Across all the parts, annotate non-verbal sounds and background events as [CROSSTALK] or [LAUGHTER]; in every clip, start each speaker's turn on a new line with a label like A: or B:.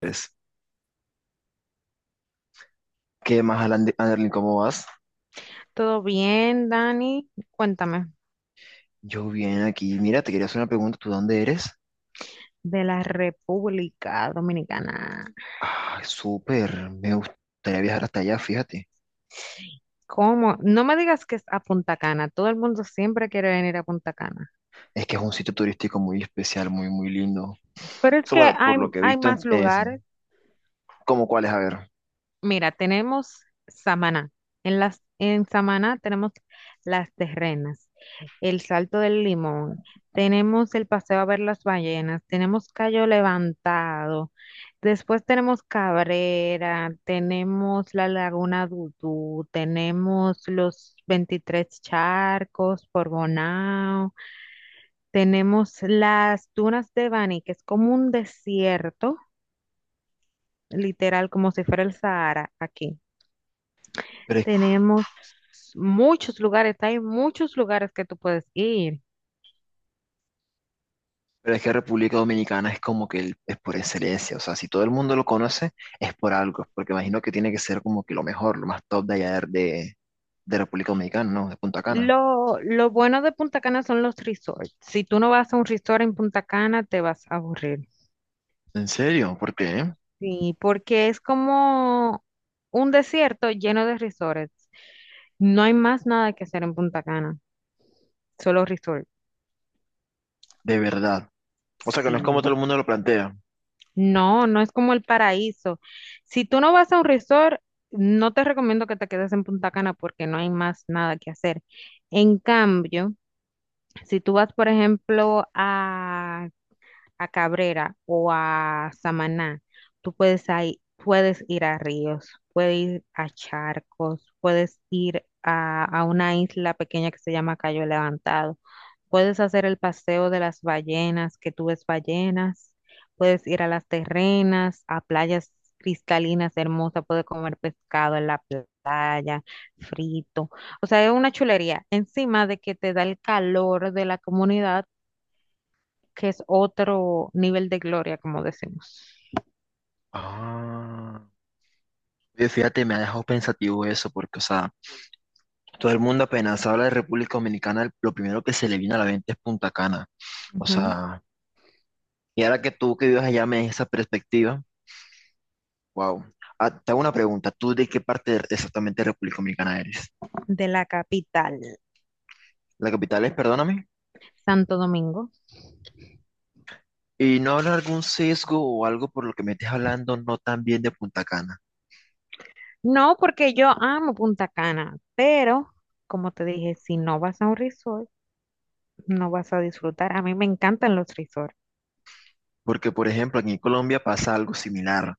A: Pues, ¿qué más, Anderlin? ¿Cómo vas?
B: Todo bien, Dani. Cuéntame
A: Yo bien aquí. Mira, te quería hacer una pregunta. ¿Tú dónde eres?
B: de la República Dominicana.
A: Ah, súper. Me gustaría viajar hasta allá, fíjate.
B: ¿Cómo? No me digas que es a Punta Cana. Todo el mundo siempre quiere venir a Punta Cana.
A: Es que es un sitio turístico muy especial, muy, muy lindo. O
B: Pero es
A: sea,
B: que
A: bueno, por
B: hay,
A: lo que he
B: hay
A: visto,
B: más
A: es
B: lugares.
A: como cuál es, a ver.
B: Mira, tenemos Samaná. En Samaná tenemos las terrenas, el Salto del Limón, tenemos el paseo a ver las ballenas, tenemos Cayo Levantado, después tenemos Cabrera, tenemos la Laguna Dudú, tenemos los 23 charcos por Bonao, tenemos las dunas de Bani, que es como un desierto, literal, como si fuera el Sahara aquí.
A: Pero es,
B: Tenemos muchos lugares, hay muchos lugares que tú puedes ir.
A: pero es que República Dominicana es como que es por excelencia. O sea, si todo el mundo lo conoce, es por algo. Es Porque imagino que tiene que ser como que lo mejor, lo más top de allá de República Dominicana, ¿no? De Punta Cana.
B: Lo bueno de Punta Cana son los resorts. Si tú no vas a un resort en Punta Cana, te vas a aburrir.
A: ¿En serio? ¿Por qué?
B: Sí, porque es como un desierto lleno de resorts. No hay más nada que hacer en Punta Cana, solo resort.
A: De verdad. O sea, que no es como todo
B: Sí,
A: el mundo lo plantea.
B: no, no es como el paraíso. Si tú no vas a un resort, no te recomiendo que te quedes en Punta Cana porque no hay más nada que hacer. En cambio, si tú vas, por ejemplo, a Cabrera o a Samaná, tú puedes, puedes ir a ríos, puedes ir a charcos, puedes ir a una isla pequeña que se llama Cayo Levantado, puedes hacer el paseo de las ballenas, que tú ves ballenas, puedes ir a las terrenas, a playas cristalinas hermosas, puedes comer pescado en la playa, frito. O sea, es una chulería. Encima de que te da el calor de la comunidad que es otro nivel de gloria, como decimos.
A: Ah, oye, fíjate, me ha dejado pensativo eso, porque, o sea, todo el mundo apenas habla de República Dominicana, lo primero que se le viene a la mente es Punta Cana. O
B: Ujú,
A: sea, y ahora que tú que vives allá me des esa perspectiva, wow. Ah, te hago una pregunta, ¿tú de qué parte exactamente de República Dominicana eres?
B: de la capital,
A: La capital es, perdóname,
B: Santo Domingo.
A: y no habrá algún sesgo o algo por lo que me estés hablando no tan bien de Punta Cana.
B: No, porque yo amo Punta Cana, pero como te dije, si no vas a un resort, no vas a disfrutar. A mí me encantan los resorts.
A: Porque, por ejemplo, aquí en Colombia pasa algo similar,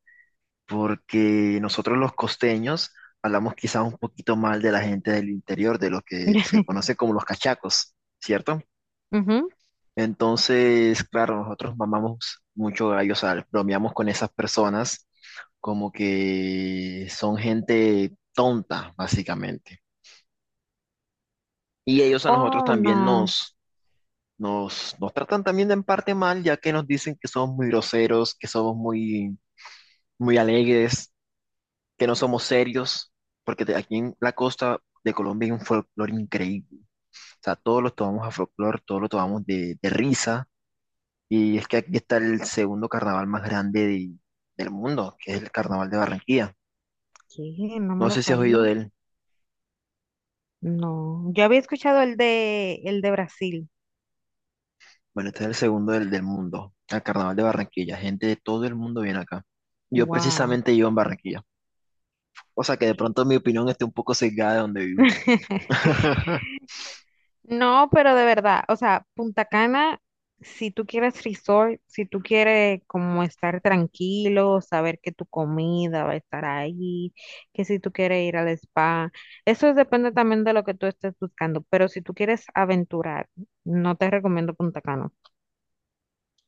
A: porque nosotros los costeños hablamos quizás un poquito mal de la gente del interior, de lo que se conoce
B: [LAUGHS]
A: como los cachacos, ¿cierto?
B: Ujú.
A: Entonces, claro, nosotros mamamos mucho gallo, o sea, bromeamos con esas personas como que son gente tonta, básicamente. Y ellos a nosotros
B: Oh,
A: también
B: no.
A: nos tratan también de en parte mal, ya que nos dicen que somos muy groseros, que somos muy, muy alegres, que no somos serios, porque de aquí en la costa de Colombia hay un folclore increíble. O sea, todos los tomamos a folclore, todos lo tomamos de risa. Y es que aquí está el segundo carnaval más grande del mundo, que es el Carnaval de Barranquilla.
B: ¿Qué? No me
A: No
B: lo
A: sé si has
B: sabía.
A: oído de él.
B: No. Yo había escuchado el de Brasil.
A: Bueno, este es el segundo del mundo, el Carnaval de Barranquilla. Gente de todo el mundo viene acá. Yo
B: Wow.
A: precisamente vivo en Barranquilla. O sea que de pronto mi opinión esté un poco sesgada de donde vivo.
B: [LAUGHS]
A: [LAUGHS]
B: No, pero de verdad, o sea, Punta Cana, si tú quieres resort, si tú quieres como estar tranquilo, saber que tu comida va a estar ahí, que si tú quieres ir al spa, eso depende también de lo que tú estés buscando, pero si tú quieres aventurar, no te recomiendo Punta Cana,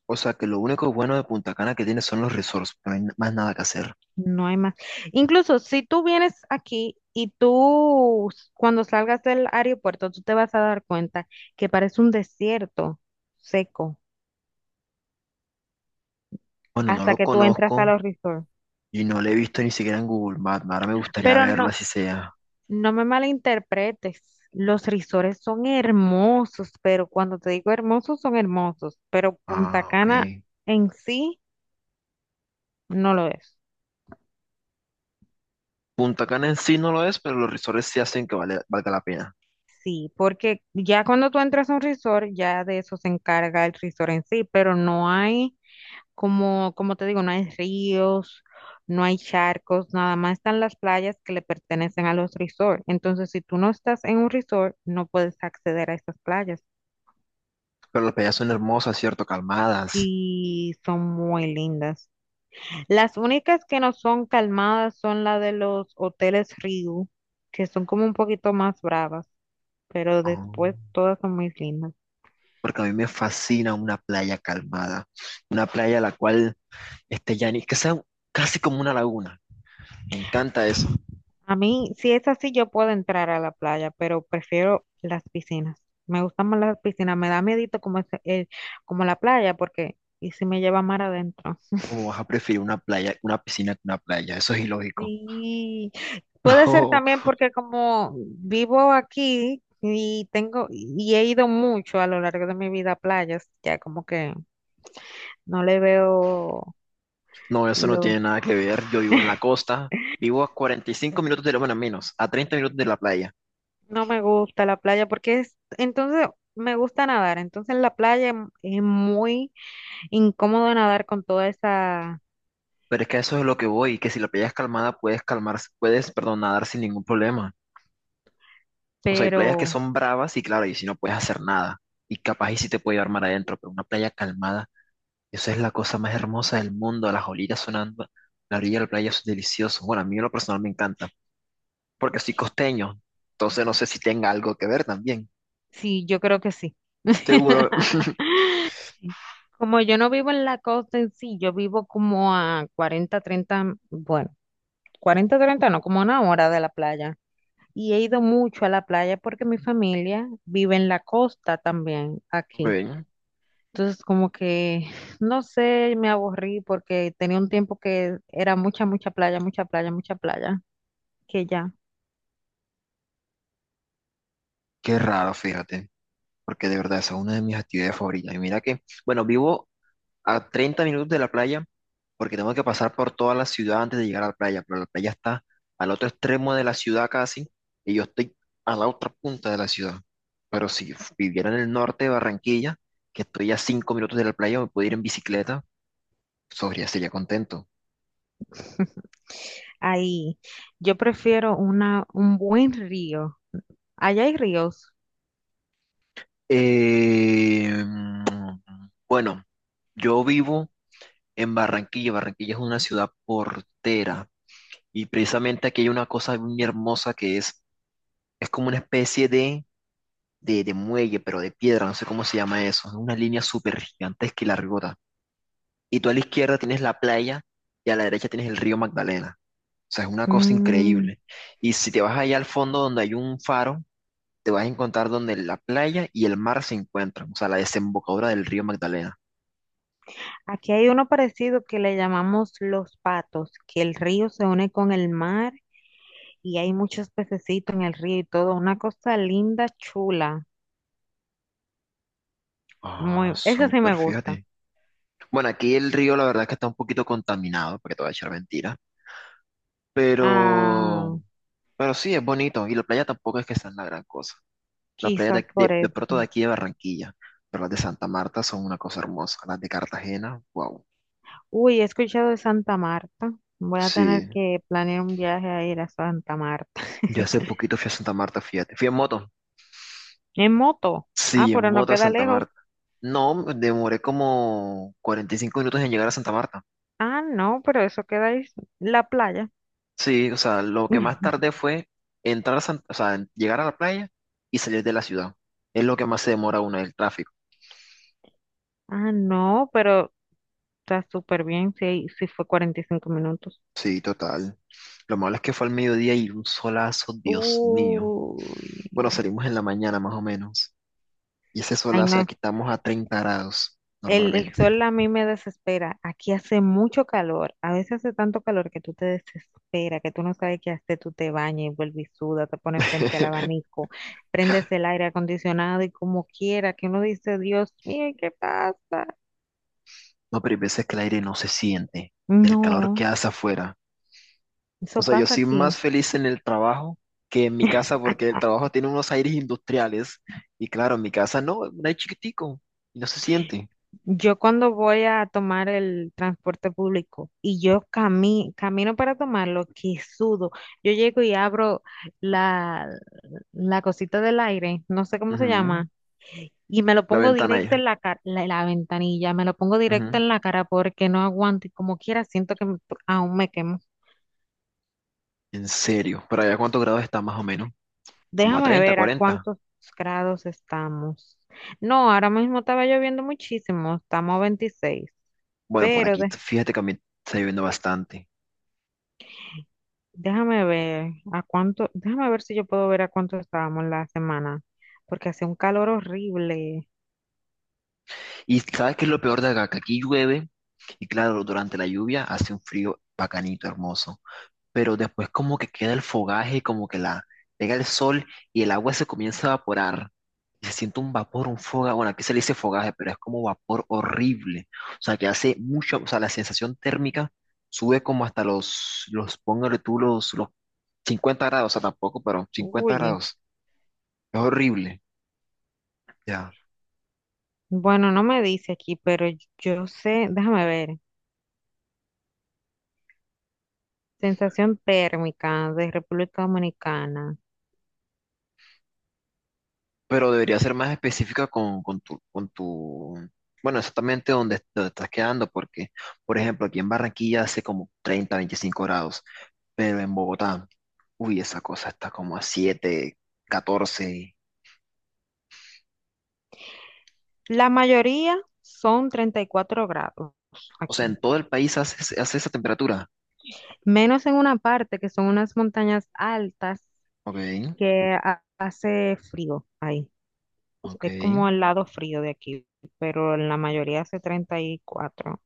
A: O sea que lo único bueno de Punta Cana que tiene son los resorts, no hay más nada que hacer.
B: no hay más. Incluso si tú vienes aquí y tú cuando salgas del aeropuerto, tú te vas a dar cuenta que parece un desierto seco
A: Bueno, no
B: hasta
A: lo
B: que tú entras a
A: conozco
B: los resorts.
A: y no lo he visto ni siquiera en Google Maps. Ahora me gustaría
B: Pero
A: verlo,
B: no,
A: así sea.
B: no me malinterpretes. Los risores son hermosos, pero cuando te digo hermosos, son hermosos. Pero Punta
A: Ah, ok.
B: Cana en sí no lo es.
A: Punta Cana en sí no lo es, pero los resorts sí hacen que valga la pena.
B: Sí, porque ya cuando tú entras a un resort, ya de eso se encarga el resort en sí, pero no hay, como, te digo, no hay ríos, no hay charcos, nada más están las playas que le pertenecen a los resorts. Entonces, si tú no estás en un resort, no puedes acceder a esas playas.
A: Pero las playas son hermosas, ¿cierto? Calmadas.
B: Sí, son muy lindas. Las únicas que no son calmadas son la de los hoteles Ryu, que son como un poquito más bravas, pero
A: Oh,
B: después todas son muy lindas.
A: porque a mí me fascina una playa calmada. Una playa a la cual esté que sea casi como una laguna. Me encanta eso.
B: A mí, si es así, yo puedo entrar a la playa, pero prefiero las piscinas. Me gustan más las piscinas, me da miedito como como la playa, porque y si me lleva mar adentro.
A: ¿Cómo vas a preferir una playa, una piscina que una playa? Eso es ilógico.
B: Sí,
A: [LAUGHS]
B: puede ser
A: No.
B: también porque como vivo aquí y tengo y he ido mucho a lo largo de mi vida a playas, ya como que no le veo
A: No, eso no tiene
B: lo...
A: nada que ver. Yo vivo en la costa, vivo a 45 minutos de lo bueno, menos, a 30 minutos de la playa.
B: No me gusta la playa porque es... Entonces, me gusta nadar. Entonces, en la playa es muy incómodo nadar con toda esa...
A: Pero es que eso es lo que voy, que si la playa es calmada puedes calmar, puedes, perdón, nadar sin ningún problema. O sea, hay playas que
B: Pero
A: son bravas y claro, y si no puedes hacer nada. Y capaz y si te puede llevar mar adentro, pero una playa calmada, eso es la cosa más hermosa del mundo, las olitas sonando, la orilla de la playa eso es delicioso. Bueno, a mí en lo personal me encanta, porque soy costeño, entonces no sé si tenga algo que ver también.
B: sí, yo creo que sí.
A: Seguro. [LAUGHS]
B: [LAUGHS] Como yo no vivo en la costa en sí, yo vivo como a 40 treinta, bueno, 40 30 no, como una hora de la playa. Y he ido mucho a la playa porque mi familia vive en la costa también, aquí.
A: Ven,
B: Entonces, como que, no sé, me aburrí porque tenía un tiempo que era mucha, mucha playa, mucha playa, mucha playa, que ya.
A: qué raro, fíjate, porque de verdad esa es una de mis actividades favoritas. Y mira que, bueno, vivo a 30 minutos de la playa, porque tengo que pasar por toda la ciudad antes de llegar a la playa, pero la playa está al otro extremo de la ciudad casi, y yo estoy a la otra punta de la ciudad. Pero si viviera en el norte de Barranquilla, que estoy a 5 minutos de la playa, me puedo ir en bicicleta, sobre, sería contento.
B: [LAUGHS] Ahí, yo prefiero una, un buen río. Allá hay ríos.
A: Eh, bueno, yo vivo en Barranquilla. Barranquilla es una ciudad portera. Y precisamente aquí hay una cosa muy hermosa que es como una especie de, de muelle, pero de piedra, no sé cómo se llama eso. Es una línea súper gigantesca y largota. Y tú a la izquierda tienes la playa y a la derecha tienes el río Magdalena. O sea, es una cosa
B: Mm,
A: increíble. Y si te vas allá al fondo donde hay un faro, te vas a encontrar donde la playa y el mar se encuentran, o sea, la desembocadura del río Magdalena.
B: aquí hay uno parecido que le llamamos Los Patos, que el río se une con el mar y hay muchos pececitos en el río y todo. Una cosa linda, chula.
A: Ah,
B: Muy, eso sí
A: súper,
B: me gusta.
A: fíjate. Bueno, aquí el río la verdad que está un poquito contaminado, porque te voy a echar mentira, pero
B: Ah,
A: Pero sí, es bonito. Y la playa tampoco es que sean la gran cosa. La playa
B: quizás por
A: de pronto
B: eso.
A: de aquí de Barranquilla, pero las de Santa Marta son una cosa hermosa. Las de Cartagena, wow.
B: Uy, he escuchado de Santa Marta. Voy a tener
A: Sí,
B: que planear un viaje a ir a Santa Marta.
A: yo hace
B: [LAUGHS]
A: poquito fui a Santa Marta, fíjate. Fui en moto.
B: En moto. Ah,
A: Sí, en
B: pero no
A: moto a
B: queda
A: Santa
B: lejos.
A: Marta. No, me demoré como 45 minutos en llegar a Santa Marta.
B: Ah, no, pero eso queda ahí, la playa.
A: Sí, o sea, lo que más
B: [LAUGHS]
A: tardé fue entrar a Santa, o sea, en llegar a la playa y salir de la ciudad. Es lo que más se demora uno, el tráfico.
B: Ah, no, pero está súper bien. Sí, sí fue 45 minutos.
A: Sí, total. Lo malo es que fue al mediodía y un solazo, Dios mío.
B: Uy.
A: Bueno, salimos en la mañana más o menos. Y ese
B: Ay,
A: solazo
B: no,
A: aquí estamos a 30 grados
B: el
A: normalmente.
B: sol a mí me desespera. Aquí hace mucho calor. A veces hace tanto calor que tú te desesperas, que tú no sabes qué hacer. Tú te bañas y vuelves y sudas, te pones frente al
A: [LAUGHS]
B: abanico, prendes el aire acondicionado y como quiera, que uno dice, Dios mío, ¿qué pasa?
A: No, pero hay veces que el aire no se siente, el calor que
B: No,
A: hace afuera. O
B: eso
A: sea, yo
B: pasa
A: soy más
B: aquí.
A: feliz en el trabajo que en mi casa porque
B: Ah,
A: el trabajo tiene unos aires industriales. Y claro, en mi casa no, es un aire chiquitico y no se siente.
B: yo cuando voy a tomar el transporte público y yo camino para tomarlo, que sudo. Yo llego y abro la, la cosita del aire, no sé cómo se
A: Ujú,
B: llama. Y me lo
A: la
B: pongo
A: ventana ahí.
B: directo en la cara, la ventanilla, me lo pongo directo
A: Ujú.
B: en la cara porque no aguanto y como quiera siento que aún me quemo.
A: En serio, ¿para allá cuántos grados está más o menos? Como a
B: Déjame
A: 30,
B: ver a
A: 40.
B: cuántos grados estamos. No, ahora mismo estaba lloviendo muchísimo, estamos a 26,
A: Bueno, por
B: pero
A: aquí,
B: de-
A: fíjate que a mí está lloviendo bastante.
B: déjame ver a cuánto, déjame ver si yo puedo ver a cuánto estábamos la semana, porque hace un calor horrible.
A: Y sabes qué es lo peor de acá, que aquí llueve y claro, durante la lluvia hace un frío bacanito, hermoso, pero después como que queda el fogaje, como que la pega el sol y el agua se comienza a evaporar. Y se siente un vapor, un fogaje, bueno, aquí se le dice fogaje, pero es como vapor horrible. O sea, que hace mucho, o sea, la sensación térmica sube como hasta póngale tú los 50 grados, o sea, tampoco, pero cincuenta
B: Uy,
A: grados. Es horrible. Ya.
B: bueno, no me dice aquí, pero yo sé, déjame ver. Sensación térmica de República Dominicana.
A: Pero debería ser más específica con, con tu, bueno, exactamente dónde, dónde estás quedando, porque, por ejemplo, aquí en Barranquilla hace como 30 25 grados, pero en Bogotá, uy, esa cosa está como a 7 catorce.
B: La mayoría son 34 grados
A: O sea,
B: aquí,
A: en todo el país hace, hace esa temperatura.
B: menos en una parte que son unas montañas altas
A: Ok,
B: que hace frío ahí.
A: ok.
B: Es como el lado frío de aquí, pero en la mayoría hace 34,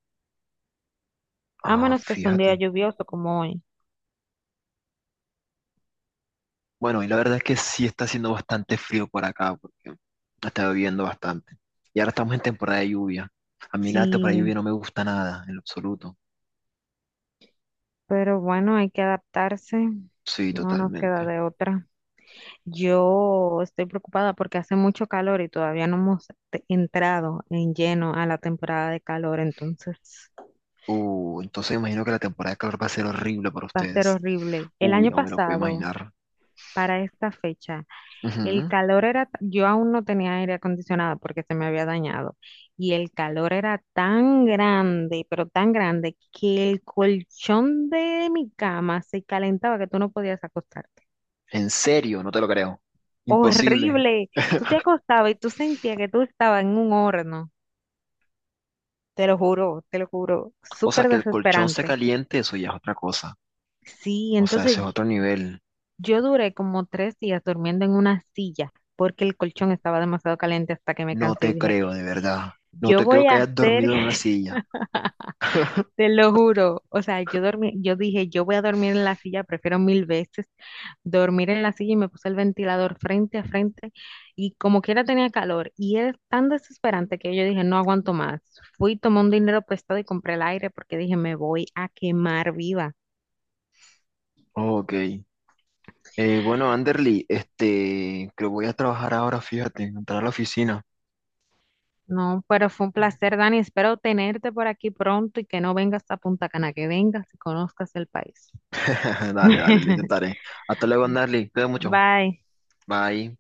B: a
A: Ah,
B: menos que sea un día
A: fíjate.
B: lluvioso como hoy.
A: Bueno, y la verdad es que sí está haciendo bastante frío por acá, porque está lloviendo bastante. Y ahora estamos en temporada de lluvia. A mí la temporada de
B: Sí,
A: lluvia no me gusta nada, en lo absoluto.
B: pero bueno, hay que adaptarse,
A: Sí,
B: no nos queda
A: totalmente.
B: de otra. Yo estoy preocupada porque hace mucho calor y todavía no hemos entrado en lleno a la temporada de calor, entonces
A: Entonces me imagino que la temporada de calor va a ser horrible para
B: va a ser
A: ustedes.
B: horrible. El
A: Uy,
B: año
A: no me lo puedo
B: pasado,
A: imaginar.
B: para esta fecha, el
A: Ujú.
B: calor era, yo aún no tenía aire acondicionado porque se me había dañado y el calor era tan grande, pero tan grande, que el colchón de mi cama se calentaba que tú no podías acostarte.
A: En serio, no te lo creo. Imposible.
B: Horrible. Tú te acostabas y tú sentías que tú estabas en un horno. Te lo juro,
A: O sea,
B: súper
A: que el colchón se
B: desesperante.
A: caliente, eso ya es otra cosa.
B: Sí,
A: O sea,
B: entonces,
A: ese es otro nivel.
B: yo duré como 3 días durmiendo en una silla porque el colchón estaba demasiado caliente hasta que me
A: No
B: cansé y
A: te
B: dije,
A: creo, de verdad. No
B: yo
A: te
B: voy
A: creo que
B: a
A: hayas
B: hacer,
A: dormido en una
B: [LAUGHS]
A: silla.
B: te lo juro, o sea, yo dormí, yo dije, yo voy a dormir en la silla, prefiero mil veces dormir en la silla y me puse el ventilador frente a frente y como quiera tenía calor y era tan desesperante que yo dije, no aguanto más. Fui, tomé un dinero prestado y compré el aire porque dije, me voy a quemar viva.
A: Ok. Bueno, Anderly, este, creo que voy a trabajar ahora, fíjate, entrar a la oficina.
B: No, pero fue un placer, Dani. Espero tenerte por aquí pronto y que no vengas a Punta Cana, que vengas y conozcas el país.
A: [LAUGHS] Dale, dale, lo
B: [LAUGHS]
A: intentaré. Hasta luego, Anderly. Cuídate mucho.
B: Bye.
A: Bye.